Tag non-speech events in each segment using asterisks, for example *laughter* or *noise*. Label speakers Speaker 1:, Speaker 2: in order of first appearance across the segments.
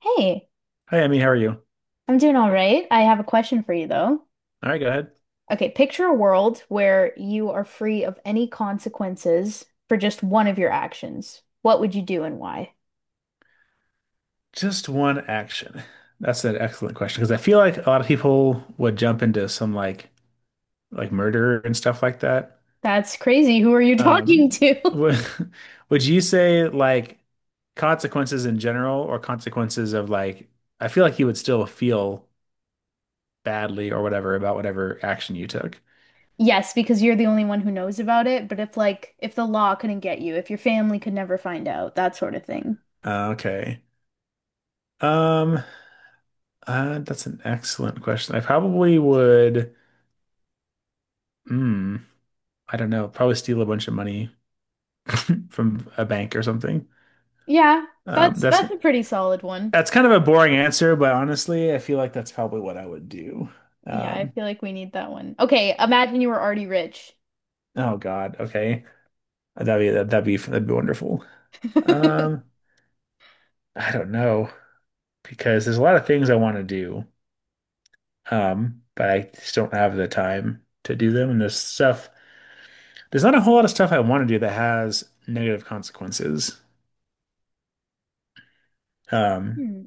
Speaker 1: Hey,
Speaker 2: Hi, Emmy. How are you?
Speaker 1: I'm doing all right. I have a question for you though.
Speaker 2: All right, go ahead.
Speaker 1: Okay, picture a world where you are free of any consequences for just one of your actions. What would you do and why?
Speaker 2: Just one action. That's an excellent question because I feel like a lot of people would jump into some like murder and stuff like that.
Speaker 1: That's crazy. Who are you talking
Speaker 2: Um,
Speaker 1: to? *laughs*
Speaker 2: would *laughs* would you say like consequences in general or consequences of like I feel like you would still feel badly or whatever about whatever action you took.
Speaker 1: Yes, because you're the only one who knows about it, but if the law couldn't get you, if your family could never find out, that sort of thing.
Speaker 2: Okay. Um, that's an excellent question. I probably would. Hmm. I don't know. Probably steal a bunch of money from a bank or something.
Speaker 1: Yeah,
Speaker 2: Um,
Speaker 1: that's
Speaker 2: that's
Speaker 1: that's a pretty solid one.
Speaker 2: that's kind of a boring answer, but honestly, I feel like that's probably what I would do.
Speaker 1: Yeah, I
Speaker 2: Um,
Speaker 1: feel like we need that one. Okay, imagine you were already rich.
Speaker 2: oh God, okay, that'd be wonderful.
Speaker 1: *laughs*
Speaker 2: Um, I don't know because there's a lot of things I want to do, but I just don't have the time to do them. And there's stuff, there's not a whole lot of stuff I want to do that has negative consequences. Um,
Speaker 1: Hmm.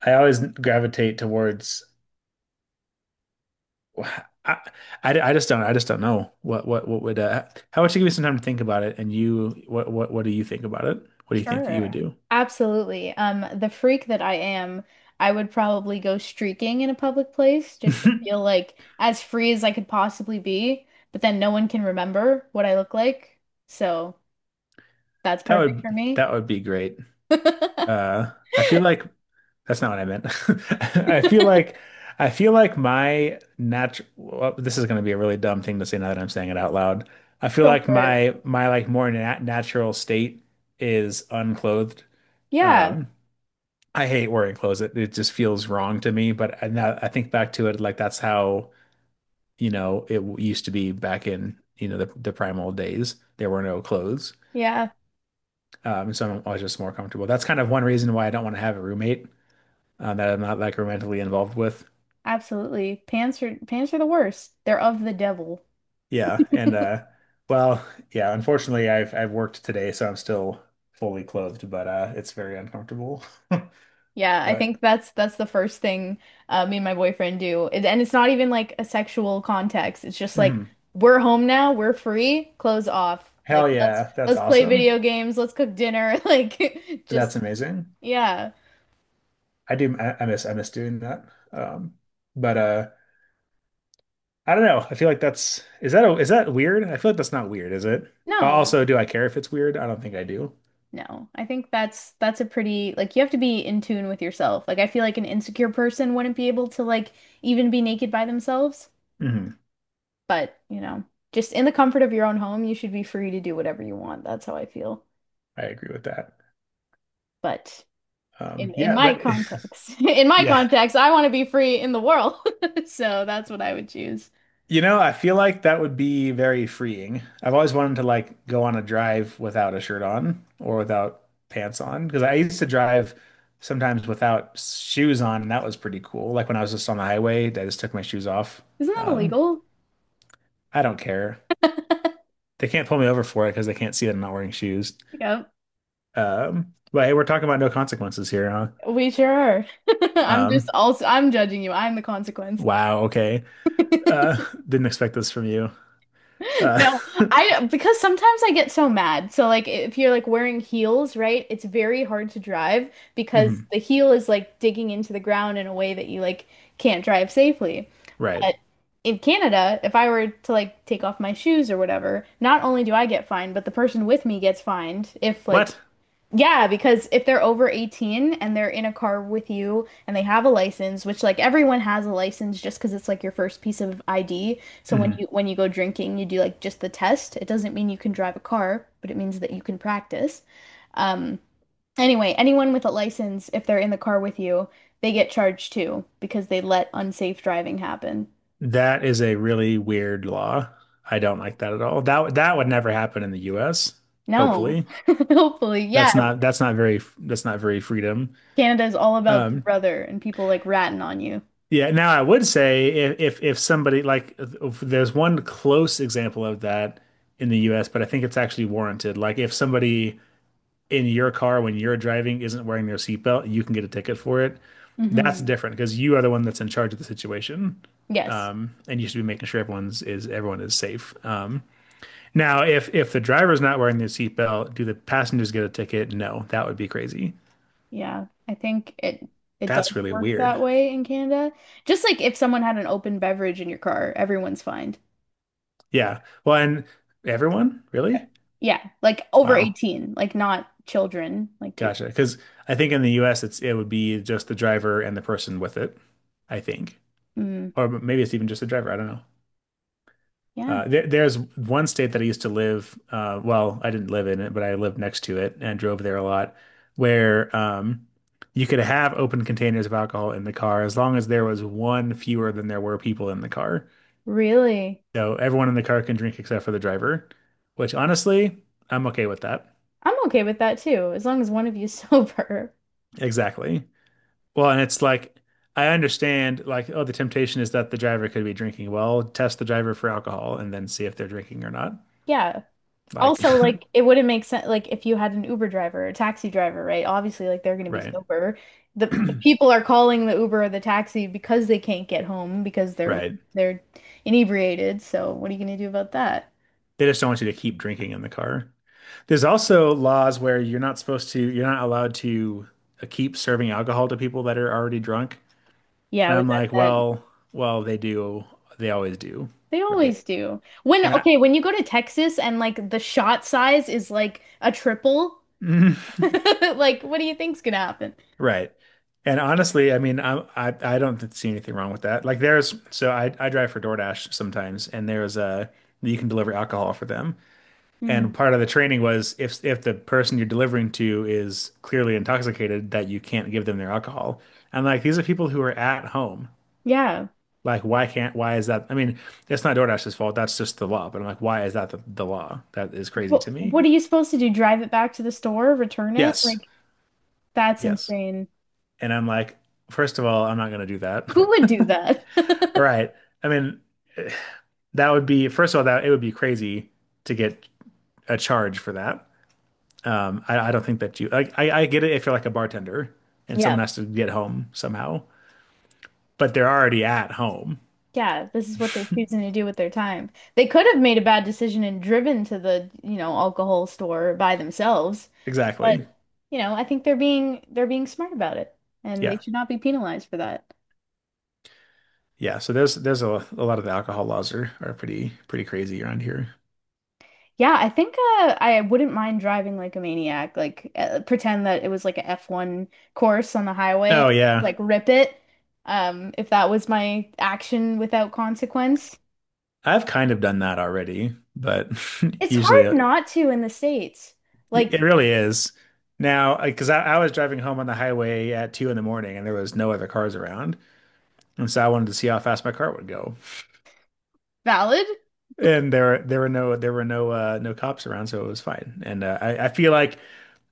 Speaker 2: I always gravitate towards I, I, I just don't I just don't know what would how about you give me some time to think about it and you what do you think about it? What do you think you would
Speaker 1: Sure.
Speaker 2: do?
Speaker 1: Absolutely. The freak that I am, I would probably go streaking in a public place just to feel
Speaker 2: *laughs*
Speaker 1: like as free as I could possibly be, but then no one can remember what I look like. So that's
Speaker 2: That
Speaker 1: perfect for
Speaker 2: would
Speaker 1: me.
Speaker 2: that would be great.
Speaker 1: *laughs*
Speaker 2: I feel like that's not what I meant. *laughs* I feel like I feel like my natural well, this is going to be a really dumb thing to say now that I'm saying it out loud. I feel
Speaker 1: Go
Speaker 2: like
Speaker 1: for it.
Speaker 2: my like more natural state is unclothed.
Speaker 1: Yeah.
Speaker 2: Um, I hate wearing clothes. It just feels wrong to me. But I, now I think back to it, like that's how, you know, it used to be back in, you know, the primal days. There were no clothes.
Speaker 1: Yeah,
Speaker 2: So I was just more comfortable. That's kind of one reason why I don't want to have a roommate that I'm not like romantically involved with.
Speaker 1: absolutely. Pants are the worst. They're of the devil.
Speaker 2: Yeah.
Speaker 1: *laughs*
Speaker 2: And, well, yeah, unfortunately I've worked today, so I'm still fully clothed, but, it's very uncomfortable. *laughs*
Speaker 1: Yeah, I
Speaker 2: But
Speaker 1: think that's the first thing me and my boyfriend do. And it's not even like a sexual context. It's just like
Speaker 2: mhm.
Speaker 1: we're home now, we're free, clothes off. Like
Speaker 2: Hell
Speaker 1: let's
Speaker 2: yeah. That's
Speaker 1: let's play
Speaker 2: awesome.
Speaker 1: video games, let's cook dinner, *laughs* like
Speaker 2: That's
Speaker 1: just
Speaker 2: amazing.
Speaker 1: yeah.
Speaker 2: I do. I miss. I miss doing that. Um, but I don't know. I feel like that's is that a, is that weird? I feel like that's not weird, is it?
Speaker 1: No.
Speaker 2: Also, do I care if it's weird? I don't think I do.
Speaker 1: No. I think that's a pretty like you have to be in tune with yourself. Like I feel like an insecure person wouldn't be able to like even be naked by themselves,
Speaker 2: Hmm.
Speaker 1: but you know, just in the comfort of your own home, you should be free to do whatever you want. That's how I feel.
Speaker 2: I agree with that.
Speaker 1: But in
Speaker 2: Yeah,
Speaker 1: my
Speaker 2: but
Speaker 1: context. *laughs* In
Speaker 2: *laughs*
Speaker 1: my
Speaker 2: yeah,
Speaker 1: context, I want to be free in the world. *laughs* So that's what I would choose.
Speaker 2: you know, I feel like that would be very freeing. I've always wanted to like go on a drive without a shirt on or without pants on because I used to drive sometimes without shoes on, and that was pretty cool. Like when I was just on the highway, I just took my shoes off.
Speaker 1: Isn't that
Speaker 2: Um,
Speaker 1: illegal?
Speaker 2: I don't care. They can't pull me over for it because they can't see that I'm not wearing shoes.
Speaker 1: Yeah,
Speaker 2: But hey, we're talking about no consequences here, huh?
Speaker 1: we sure are. *laughs* I'm just
Speaker 2: Um,
Speaker 1: also I'm judging you. I'm the consequence.
Speaker 2: wow, okay. Uh, *laughs* didn't expect this from you.
Speaker 1: *laughs*
Speaker 2: Uh,
Speaker 1: No,
Speaker 2: *laughs*
Speaker 1: I because sometimes I get so mad. So like if you're like wearing heels, right? It's very hard to drive because
Speaker 2: mhm,
Speaker 1: the heel is like digging into the ground in a way that you like can't drive safely.
Speaker 2: right.
Speaker 1: But in Canada, if I were to like take off my shoes or whatever, not only do I get fined, but the person with me gets fined if like
Speaker 2: What?
Speaker 1: yeah, because if they're over 18 and they're in a car with you and they have a license, which like everyone has a license just because it's like your first piece of ID. So when
Speaker 2: Mhm.
Speaker 1: you go drinking, you do like just the test. It doesn't mean you can drive a car, but it means that you can practice. Um, anyway, anyone with a license, if they're in the car with you, they get charged too because they let unsafe driving happen.
Speaker 2: That is a really weird law. I don't like that at all. That would never happen in the US,
Speaker 1: No.
Speaker 2: hopefully.
Speaker 1: *laughs* Hopefully. Yeah.
Speaker 2: That's not very freedom.
Speaker 1: Canada is all about Big
Speaker 2: Um,
Speaker 1: Brother and people like ratting on you.
Speaker 2: Yeah, now I would say if somebody like if there's one close example of that in the US, but I think it's actually warranted. Like if somebody in your car when you're driving isn't wearing their seatbelt, you can get a ticket for it. That's
Speaker 1: Hmm.
Speaker 2: different because you are the one that's in charge of the situation.
Speaker 1: Yes.
Speaker 2: And you should be making sure everyone is safe. Now if the driver's not wearing their seatbelt, do the passengers get a ticket? No, that would be crazy.
Speaker 1: Yeah. I think it does
Speaker 2: That's really
Speaker 1: work
Speaker 2: weird.
Speaker 1: that way in Canada. Just like if someone had an open beverage in your car, everyone's fined.
Speaker 2: Yeah. Well, and everyone? Really?
Speaker 1: Yeah. Like over
Speaker 2: Wow.
Speaker 1: 18, like not children. Like you're
Speaker 2: Gotcha. Because I think in the US it would be just the driver and the person with it, I think.
Speaker 1: mm,
Speaker 2: Or maybe it's even just the driver. I don't know.
Speaker 1: yeah.
Speaker 2: There's one state that I used to live, well, I didn't live in it, but I lived next to it and drove there a lot, where you could have open containers of alcohol in the car as long as there was one fewer than there were people in the car.
Speaker 1: Really?
Speaker 2: So everyone in the car can drink except for the driver, which honestly, I'm okay with that.
Speaker 1: I'm okay with that too, as long as one of you's *laughs* sober.
Speaker 2: Exactly. Well, and it's like I understand like oh the temptation is that the driver could be drinking. Well, test the driver for alcohol and then see if they're drinking or not.
Speaker 1: Yeah.
Speaker 2: Like
Speaker 1: Also, like it wouldn't make sense like if you had an Uber driver or a taxi driver, right? Obviously, like they're gonna be
Speaker 2: *laughs* right.
Speaker 1: sober. The people are calling the Uber or the taxi because they can't get home because they're
Speaker 2: Right.
Speaker 1: they're inebriated. So what are you gonna do about that?
Speaker 2: They just don't want you to keep drinking in the car. There's also laws where you're not allowed to keep serving alcohol to people that are already drunk.
Speaker 1: Yeah,
Speaker 2: And
Speaker 1: we
Speaker 2: I'm
Speaker 1: got
Speaker 2: like,
Speaker 1: that.
Speaker 2: well, well, they do. They always do.
Speaker 1: They
Speaker 2: Right.
Speaker 1: always do. When
Speaker 2: And I
Speaker 1: okay, when you go to Texas and like the shot size is like a triple,
Speaker 2: *laughs*
Speaker 1: *laughs* like what do you think's gonna happen?
Speaker 2: right. And honestly, I mean, I don't see anything wrong with that. Like there's so I drive for DoorDash sometimes and there's a you can deliver alcohol for them.
Speaker 1: Hmm.
Speaker 2: And part of the training was if the person you're delivering to is clearly intoxicated that you can't give them their alcohol. And like these are people who are at home.
Speaker 1: Yeah.
Speaker 2: Like why can't why is that? I mean, it's not DoorDash's fault. That's just the law. But I'm like, why is that the law? That is crazy to me.
Speaker 1: What are you supposed to do? Drive it back to the store, return it?
Speaker 2: Yes.
Speaker 1: Like that's
Speaker 2: Yes.
Speaker 1: insane.
Speaker 2: And I'm like, first of all, I'm not going to do
Speaker 1: Who
Speaker 2: that. *laughs*
Speaker 1: would do
Speaker 2: All
Speaker 1: that? *laughs*
Speaker 2: right, I mean, that would be, first of all, that it would be crazy to get a charge for that. I don't think that you, like, I get it if you're like a bartender and someone
Speaker 1: Yeah.
Speaker 2: has to get home somehow, but they're already at home.
Speaker 1: Yeah, this is what they're choosing to do with their time. They could have made a bad decision and driven to the, you know, alcohol store by themselves, but
Speaker 2: Exactly.
Speaker 1: you know, I think they're being smart about it and they
Speaker 2: Yeah.
Speaker 1: should not be penalized for that.
Speaker 2: Yeah. So there's a lot of the alcohol laws are pretty, pretty crazy around here.
Speaker 1: Yeah, I think I wouldn't mind driving like a maniac, like pretend that it was like a F1 course on the
Speaker 2: Oh,
Speaker 1: highway, like
Speaker 2: yeah.
Speaker 1: rip it, if that was my action without consequence.
Speaker 2: I've kind of done that already, but *laughs*
Speaker 1: It's
Speaker 2: usually
Speaker 1: hard
Speaker 2: it,
Speaker 1: not to in the States. Like
Speaker 2: it really is. Now, because I was driving home on the highway at two in the morning and there was no other cars around. And so I wanted to see how fast my car would go.
Speaker 1: valid.
Speaker 2: And there were no no cops around, so it was fine. And I feel like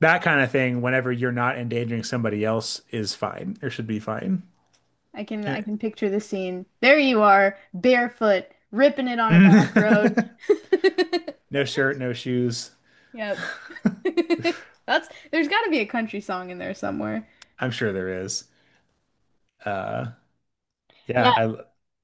Speaker 2: that kind of thing, whenever you're not endangering somebody else, is fine or should be fine.
Speaker 1: I can picture the scene. There you are, barefoot, ripping it on a black road.
Speaker 2: *laughs*
Speaker 1: *laughs*
Speaker 2: No shirt, no shoes.
Speaker 1: Yep. *laughs* That's there's got to be a country song in there somewhere.
Speaker 2: I'm sure there is. Uh,
Speaker 1: Yeah.
Speaker 2: yeah, I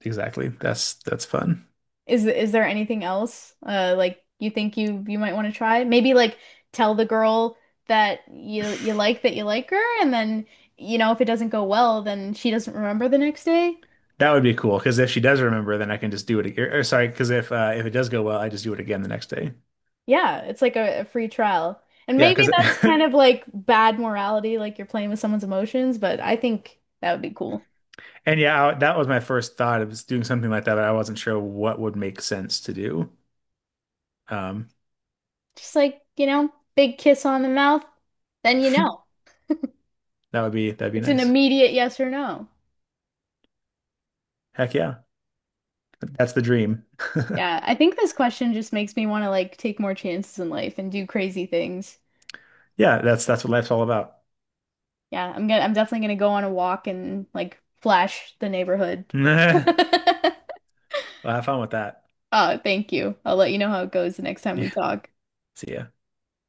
Speaker 2: exactly. That's fun.
Speaker 1: Is there anything else like you think you might want to try? Maybe like tell the girl that you like her and then you know if it doesn't go well then she doesn't remember the next day.
Speaker 2: That would be cool because if she does remember, then I can just do it. Or sorry, because if it does go well, I just do it again the next day.
Speaker 1: Yeah, it's like a free trial. And
Speaker 2: Yeah,
Speaker 1: maybe
Speaker 2: because
Speaker 1: that's kind of
Speaker 2: *laughs*
Speaker 1: like bad morality, like you're playing with someone's emotions, but I think that would be cool.
Speaker 2: and yeah, I, that was my first thought. It was doing something like that, but I wasn't sure what would make sense to do. Um,
Speaker 1: Just like, you know, big kiss on the mouth, then you
Speaker 2: *laughs*
Speaker 1: know.
Speaker 2: that would be that'd be
Speaker 1: It's an
Speaker 2: nice.
Speaker 1: immediate yes or no.
Speaker 2: Heck yeah, that's the dream.
Speaker 1: Yeah, I think this question just makes me want to like take more chances in life and do crazy things.
Speaker 2: Yeah, that's what life's all about.
Speaker 1: Yeah, I'm definitely gonna go on a walk and like flash the neighborhood.
Speaker 2: *laughs*
Speaker 1: *laughs*
Speaker 2: Well, have fun with that.
Speaker 1: Oh, thank you. I'll let you know how it goes the next time we
Speaker 2: Yeah,
Speaker 1: talk.
Speaker 2: see ya.